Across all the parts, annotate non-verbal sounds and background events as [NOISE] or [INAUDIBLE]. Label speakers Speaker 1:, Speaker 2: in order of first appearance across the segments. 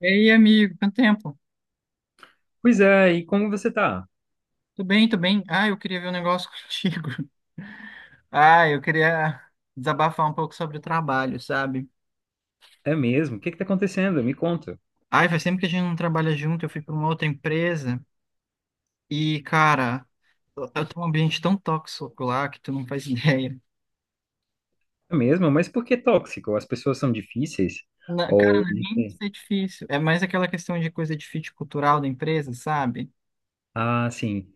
Speaker 1: Ei, amigo, quanto tempo?
Speaker 2: Pois é, e como você tá?
Speaker 1: Tudo bem, tudo bem? Ah, eu queria ver um negócio [LAUGHS] contigo. Ah, eu queria desabafar um pouco sobre o trabalho, sabe?
Speaker 2: É mesmo? O que tá acontecendo? Me conta.
Speaker 1: Ai, faz tempo que a gente não trabalha junto, eu fui para uma outra empresa e, cara, eu tô num ambiente tão tóxico lá que tu não faz [LAUGHS] ideia.
Speaker 2: É mesmo? Mas por que tóxico? As pessoas são difíceis?
Speaker 1: Cara,
Speaker 2: Ou...
Speaker 1: não é
Speaker 2: não
Speaker 1: nem
Speaker 2: sei.
Speaker 1: ser difícil, é mais aquela questão de coisa de fit cultural da empresa, sabe?
Speaker 2: Ah, sim.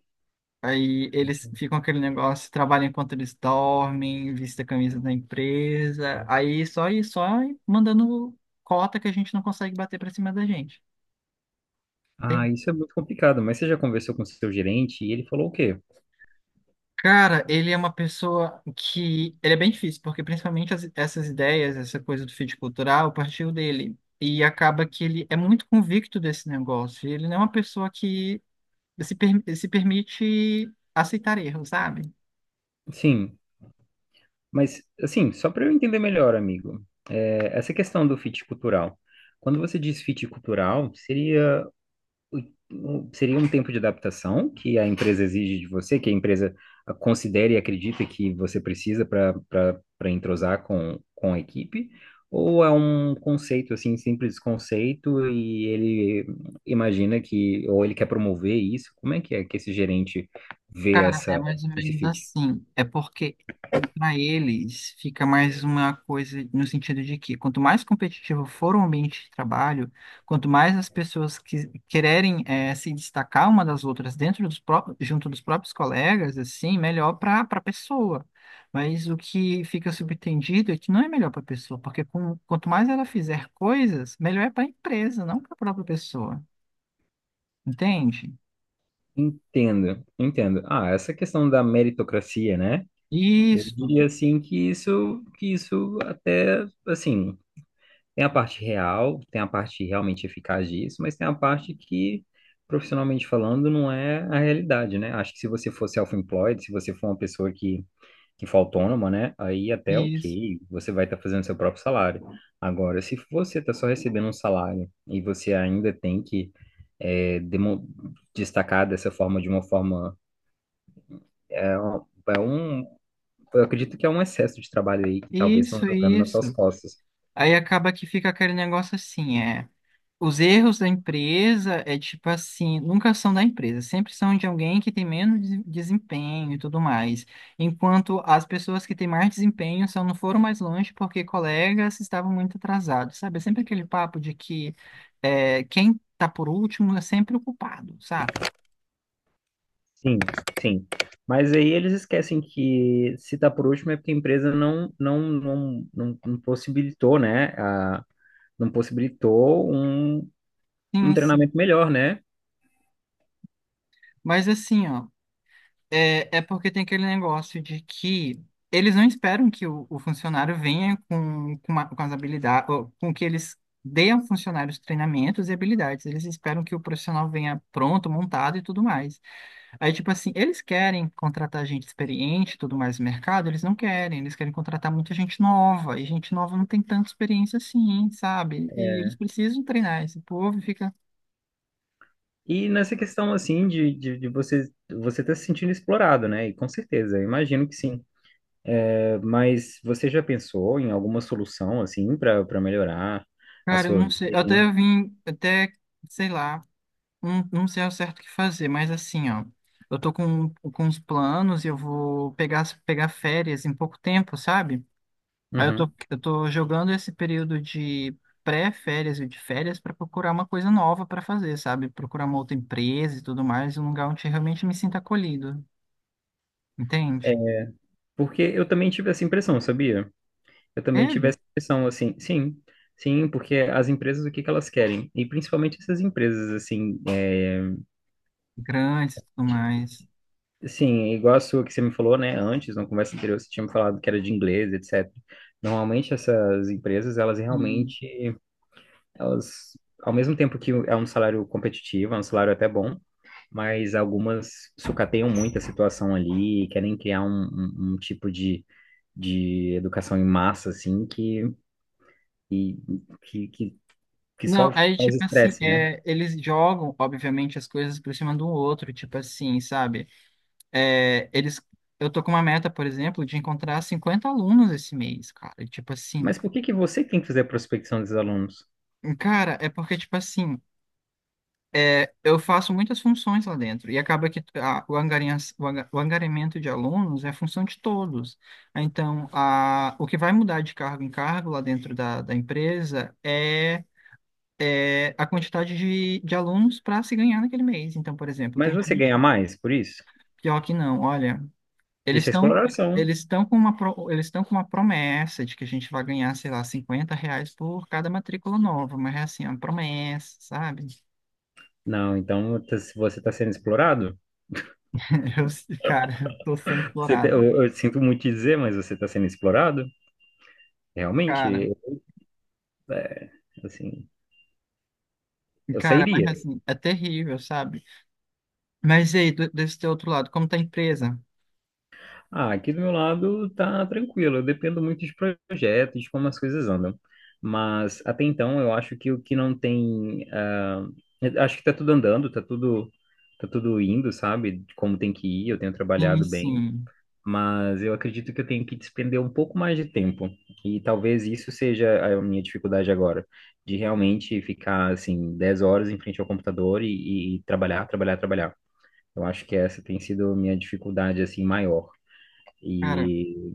Speaker 1: Aí eles ficam aquele negócio, trabalham enquanto eles dormem, vista a camisa da empresa, aí só e só mandando cota que a gente não consegue bater pra cima da gente,
Speaker 2: Ah,
Speaker 1: entende?
Speaker 2: isso é muito complicado, mas você já conversou com o seu gerente e ele falou o quê?
Speaker 1: Cara, ele é uma pessoa que. Ele é bem difícil, porque principalmente essas ideias, essa coisa do fit cultural, partiu dele. E acaba que ele é muito convicto desse negócio. Ele não é uma pessoa que se permite aceitar erros, sabe?
Speaker 2: Sim, mas assim, só para eu entender melhor, amigo, essa questão do fit cultural. Quando você diz fit cultural, seria seria um tempo de adaptação que a empresa exige de você, que a empresa considera e acredita que você precisa para entrosar com a equipe, ou é um conceito assim, simples conceito e ele imagina que ou ele quer promover isso? Como é que esse gerente vê
Speaker 1: Cara, é
Speaker 2: essa
Speaker 1: mais ou
Speaker 2: esse
Speaker 1: menos
Speaker 2: fit?
Speaker 1: assim. É porque para eles fica mais uma coisa no sentido de que quanto mais competitivo for o ambiente de trabalho, quanto mais as pessoas que quererem se destacar uma das outras dentro dos próprios, junto dos próprios colegas, assim, melhor para a pessoa. Mas o que fica subentendido é que não é melhor para a pessoa, porque quanto mais ela fizer coisas, melhor é para a empresa, não para a própria pessoa. Entende?
Speaker 2: Entendo, entendo. Ah, essa questão da meritocracia, né? Eu
Speaker 1: Isso,
Speaker 2: diria assim que isso até assim tem a parte real, tem a parte realmente eficaz disso, mas tem a parte que, profissionalmente falando, não é a realidade, né? Acho que se você for self-employed, se você for uma pessoa que for autônoma, né? Aí até
Speaker 1: isso.
Speaker 2: ok, você vai estar fazendo seu próprio salário. Agora, se você está só recebendo um salário e você ainda tem que é, demo- destacar dessa forma, de uma forma... É, um, é um- eu acredito que é um excesso de trabalho aí que talvez estão
Speaker 1: Isso,
Speaker 2: jogando nas suas
Speaker 1: isso.
Speaker 2: costas.
Speaker 1: Aí acaba que fica aquele negócio assim, é. Os erros da empresa é tipo assim, nunca são da empresa, sempre são de alguém que tem menos desempenho e tudo mais. Enquanto as pessoas que têm mais desempenho só não foram mais longe porque colegas estavam muito atrasados, sabe? É sempre aquele papo de que quem tá por último é sempre o culpado, sabe?
Speaker 2: Sim, sim. Mas aí eles esquecem que se tá por último é porque a empresa não possibilitou, né? Não possibilitou um
Speaker 1: Sim, sim.
Speaker 2: treinamento melhor, né?
Speaker 1: Mas assim, ó. É, é porque tem aquele negócio de que eles não esperam que o funcionário venha com as habilidades, com que eles deem ao funcionário os treinamentos e habilidades. Eles esperam que o profissional venha pronto, montado e tudo mais. Aí, tipo assim, eles querem contratar gente experiente e tudo mais no mercado, eles não querem. Eles querem contratar muita gente nova, e gente nova não tem tanta experiência assim, sabe? E eles precisam treinar esse povo e fica.
Speaker 2: E nessa questão assim de você tá se sentindo explorado, né? E com certeza, eu imagino que sim. É, mas você já pensou em alguma solução assim para melhorar a
Speaker 1: Cara, eu
Speaker 2: sua
Speaker 1: não
Speaker 2: vida,
Speaker 1: sei. Eu até
Speaker 2: hein?
Speaker 1: vim, até, sei lá. Não, não sei ao certo o que fazer, mas assim, ó, eu tô com uns planos e eu vou pegar férias em pouco tempo, sabe? Aí eu tô,
Speaker 2: Uhum.
Speaker 1: eu tô jogando esse período de pré-férias e de férias para procurar uma coisa nova para fazer, sabe? Procurar uma outra empresa e tudo mais, um lugar onde eu realmente me sinta acolhido, entende?
Speaker 2: Porque eu também tive essa impressão, sabia? Eu também tive
Speaker 1: Ele,
Speaker 2: essa impressão, assim, sim, sim, porque as empresas, o que elas querem? E principalmente essas empresas, assim,
Speaker 1: grandes e tudo mais.
Speaker 2: sim, é igual a sua que você me falou, né, antes, na conversa anterior, você tinha me falado que era de inglês, etc. Normalmente essas empresas, elas
Speaker 1: E-
Speaker 2: realmente, elas, ao mesmo tempo que é um salário competitivo, é um salário até bom, mas algumas sucateiam muito a situação ali, querem criar um tipo de educação em massa, assim, que, que que só
Speaker 1: Não, aí, tipo
Speaker 2: causa
Speaker 1: assim,
Speaker 2: estresse, né?
Speaker 1: é, eles jogam, obviamente, as coisas por cima do outro, tipo assim, sabe? É, eu tô com uma meta, por exemplo, de encontrar 50 alunos esse mês, cara. E, tipo assim,
Speaker 2: Mas por que que você tem que fazer a prospecção dos alunos?
Speaker 1: cara, é porque, tipo assim, eu faço muitas funções lá dentro e acaba que o angariamento de alunos é função de todos. Então, o que vai mudar de cargo em cargo lá dentro da empresa é, é a quantidade de alunos para se ganhar naquele mês. Então, por exemplo,
Speaker 2: Mas
Speaker 1: tem
Speaker 2: você ganha
Speaker 1: gente,
Speaker 2: mais por isso?
Speaker 1: pior que não, olha. Eles
Speaker 2: Isso é
Speaker 1: estão
Speaker 2: exploração.
Speaker 1: eles estão com uma promessa de que a gente vai ganhar, sei lá, R$ 50 por cada matrícula nova, mas é assim, é uma promessa, sabe?
Speaker 2: Não, então se você está sendo explorado,
Speaker 1: [LAUGHS] Eu, cara, eu tô sendo
Speaker 2: você
Speaker 1: explorado.
Speaker 2: eu sinto muito te dizer, mas você está sendo explorado.
Speaker 1: Cara,
Speaker 2: Realmente, é, assim, eu
Speaker 1: cara, mas
Speaker 2: sairia.
Speaker 1: assim, é terrível, sabe? Mas e aí, desse teu outro lado, como tá a empresa?
Speaker 2: Ah, aqui do meu lado tá tranquilo, eu dependo muito de projetos, de como as coisas andam. Mas até então eu acho que o que não tem, eu acho que tá tudo andando, tá tudo indo, sabe? Como tem que ir, eu tenho
Speaker 1: Sim,
Speaker 2: trabalhado bem,
Speaker 1: sim.
Speaker 2: mas eu acredito que eu tenho que despender um pouco mais de tempo. E talvez isso seja a minha dificuldade agora, de realmente ficar assim 10 horas em frente ao computador e trabalhar, trabalhar, trabalhar. Eu acho que essa tem sido a minha dificuldade assim maior.
Speaker 1: Cara,
Speaker 2: E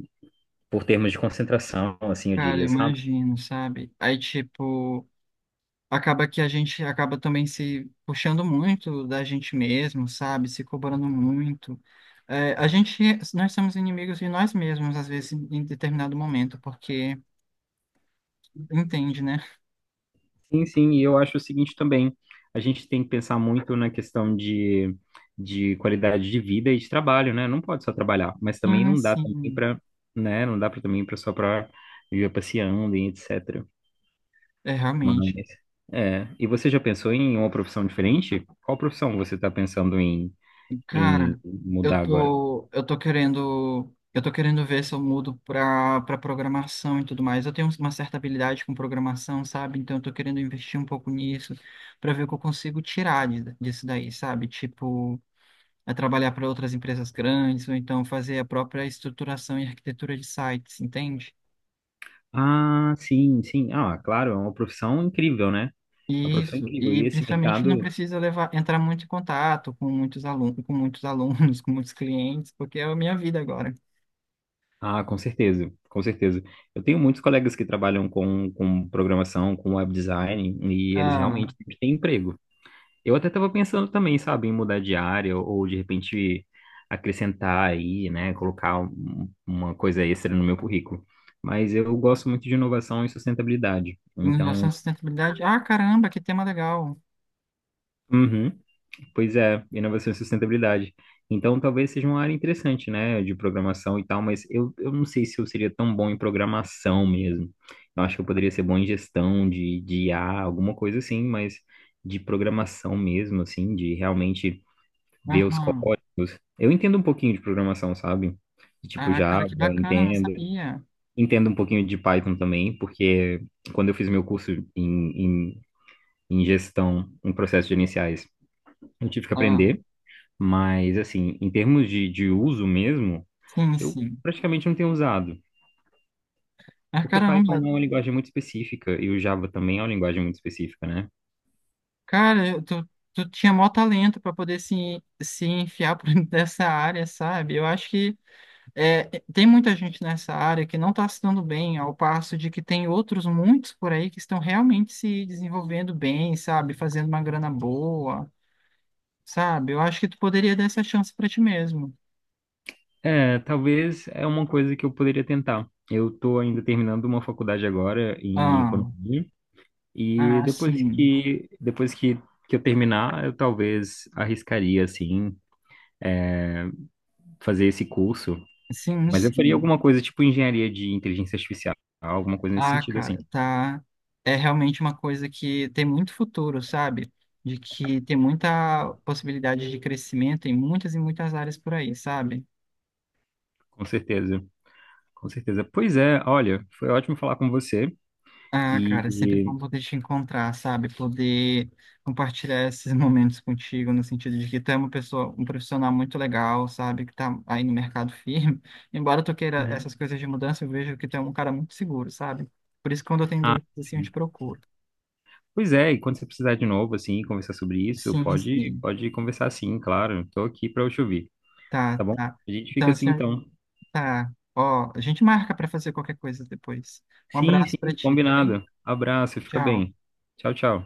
Speaker 2: por termos de concentração, assim, eu
Speaker 1: cara,
Speaker 2: diria, sabe?
Speaker 1: imagino, sabe? Aí, tipo, acaba que a gente acaba também se puxando muito da gente mesmo, sabe? Se cobrando muito. É, nós somos inimigos de nós mesmos, às vezes, em determinado momento, porque entende, né?
Speaker 2: Sim, sim, e eu acho o seguinte também, a gente tem que pensar muito na questão de qualidade de vida e de trabalho, né? Não pode só trabalhar, mas também
Speaker 1: Sim,
Speaker 2: não dá também
Speaker 1: sim,
Speaker 2: para, né? Não dá para também para viver passeando e etc.
Speaker 1: é
Speaker 2: Mas,
Speaker 1: realmente.
Speaker 2: e você já pensou em uma profissão diferente? Qual profissão você está pensando
Speaker 1: Cara,
Speaker 2: em
Speaker 1: eu
Speaker 2: mudar agora?
Speaker 1: tô, eu tô querendo, eu tô querendo ver se eu mudo pra, pra programação e tudo mais. Eu tenho uma certa habilidade com programação, sabe? Então eu tô querendo investir um pouco nisso pra ver o que eu consigo tirar disso daí, sabe? Tipo, a trabalhar para outras empresas grandes, ou então fazer a própria estruturação e arquitetura de sites, entende?
Speaker 2: Ah, sim, sim. Ah, claro, é uma profissão incrível, né? É uma profissão
Speaker 1: Isso,
Speaker 2: incrível.
Speaker 1: e
Speaker 2: E esse
Speaker 1: principalmente não
Speaker 2: mercado
Speaker 1: precisa levar, entrar muito em contato com muitos alunos, [LAUGHS] com muitos clientes, porque é a minha vida agora.
Speaker 2: ah, com certeza, com certeza. Eu tenho muitos colegas que trabalham com programação, com web design, e eles
Speaker 1: Ah,
Speaker 2: realmente têm emprego. Eu até estava pensando também, sabe, em mudar de área ou de repente acrescentar aí, né, colocar uma coisa extra no meu currículo. Mas eu gosto muito de inovação e sustentabilidade.
Speaker 1: em relação
Speaker 2: Então,
Speaker 1: à sustentabilidade, ah, caramba, que tema legal.
Speaker 2: uhum. Pois é, inovação e sustentabilidade. Então, talvez seja uma área interessante, né, de programação e tal, mas eu não sei se eu seria tão bom em programação mesmo. Eu acho que eu poderia ser bom em gestão de I a alguma coisa assim, mas de programação mesmo, assim, de realmente ver os
Speaker 1: Aham.
Speaker 2: códigos. Eu entendo um pouquinho de programação, sabe? De tipo
Speaker 1: Ah, cara,
Speaker 2: Java,
Speaker 1: que bacana, não
Speaker 2: entendo.
Speaker 1: sabia.
Speaker 2: Entendo um pouquinho de Python também, porque quando eu fiz meu curso em gestão, em processos gerenciais, eu tive que
Speaker 1: Ah,
Speaker 2: aprender. Mas, assim, em termos de uso mesmo,
Speaker 1: sim,
Speaker 2: eu
Speaker 1: sim.
Speaker 2: praticamente não tenho usado.
Speaker 1: Ah,
Speaker 2: Porque Python
Speaker 1: caramba,
Speaker 2: é uma linguagem muito específica e o Java também é uma linguagem muito específica, né?
Speaker 1: cara, tu tinha maior talento para poder se enfiar por [LAUGHS] dentro dessa área, sabe? Eu acho que É, tem muita gente nessa área que não está se dando bem, ao passo de que tem outros muitos por aí que estão realmente se desenvolvendo bem, sabe? Fazendo uma grana boa, sabe? Eu acho que tu poderia dar essa chance para ti mesmo.
Speaker 2: É, talvez é uma coisa que eu poderia tentar. Eu estou ainda terminando uma faculdade agora em
Speaker 1: Ah,
Speaker 2: economia e
Speaker 1: ah, sim,
Speaker 2: que eu terminar, eu talvez arriscaria assim fazer esse curso,
Speaker 1: sim,
Speaker 2: mas eu faria
Speaker 1: sim.
Speaker 2: alguma coisa tipo engenharia de inteligência artificial, alguma coisa nesse
Speaker 1: Ah,
Speaker 2: sentido assim,
Speaker 1: cara, tá. É realmente uma coisa que tem muito futuro, sabe? De que tem muita possibilidade de crescimento em muitas e muitas áreas por aí, sabe?
Speaker 2: com certeza. Com certeza. Pois é, olha, foi ótimo falar com você.
Speaker 1: Ah, cara, é sempre
Speaker 2: E.
Speaker 1: bom poder te encontrar, sabe? Poder compartilhar esses [LAUGHS] momentos contigo, no sentido de que tu é uma pessoa, um profissional muito legal, sabe? Que tá aí no mercado firme. [LAUGHS] Embora tu queira
Speaker 2: Uhum.
Speaker 1: essas coisas de mudança, eu vejo que tu é um cara muito seguro, sabe? Por isso, que quando eu tenho
Speaker 2: Ah,
Speaker 1: dúvidas, assim, eu te
Speaker 2: sim.
Speaker 1: procuro.
Speaker 2: Pois é, e quando você precisar de novo, assim, conversar sobre isso,
Speaker 1: Sim,
Speaker 2: pode,
Speaker 1: sim.
Speaker 2: pode conversar sim, claro. Estou aqui para eu te ouvir, tá
Speaker 1: Tá,
Speaker 2: bom?
Speaker 1: tá.
Speaker 2: A gente
Speaker 1: Então,
Speaker 2: fica assim
Speaker 1: assim,
Speaker 2: então.
Speaker 1: tá. Ó, a gente marca pra fazer qualquer coisa depois. Um
Speaker 2: Sim,
Speaker 1: abraço pra
Speaker 2: sim,
Speaker 1: ti, tá bem?
Speaker 2: combinado. Abraço, fica
Speaker 1: Tchau.
Speaker 2: bem. Tchau, tchau.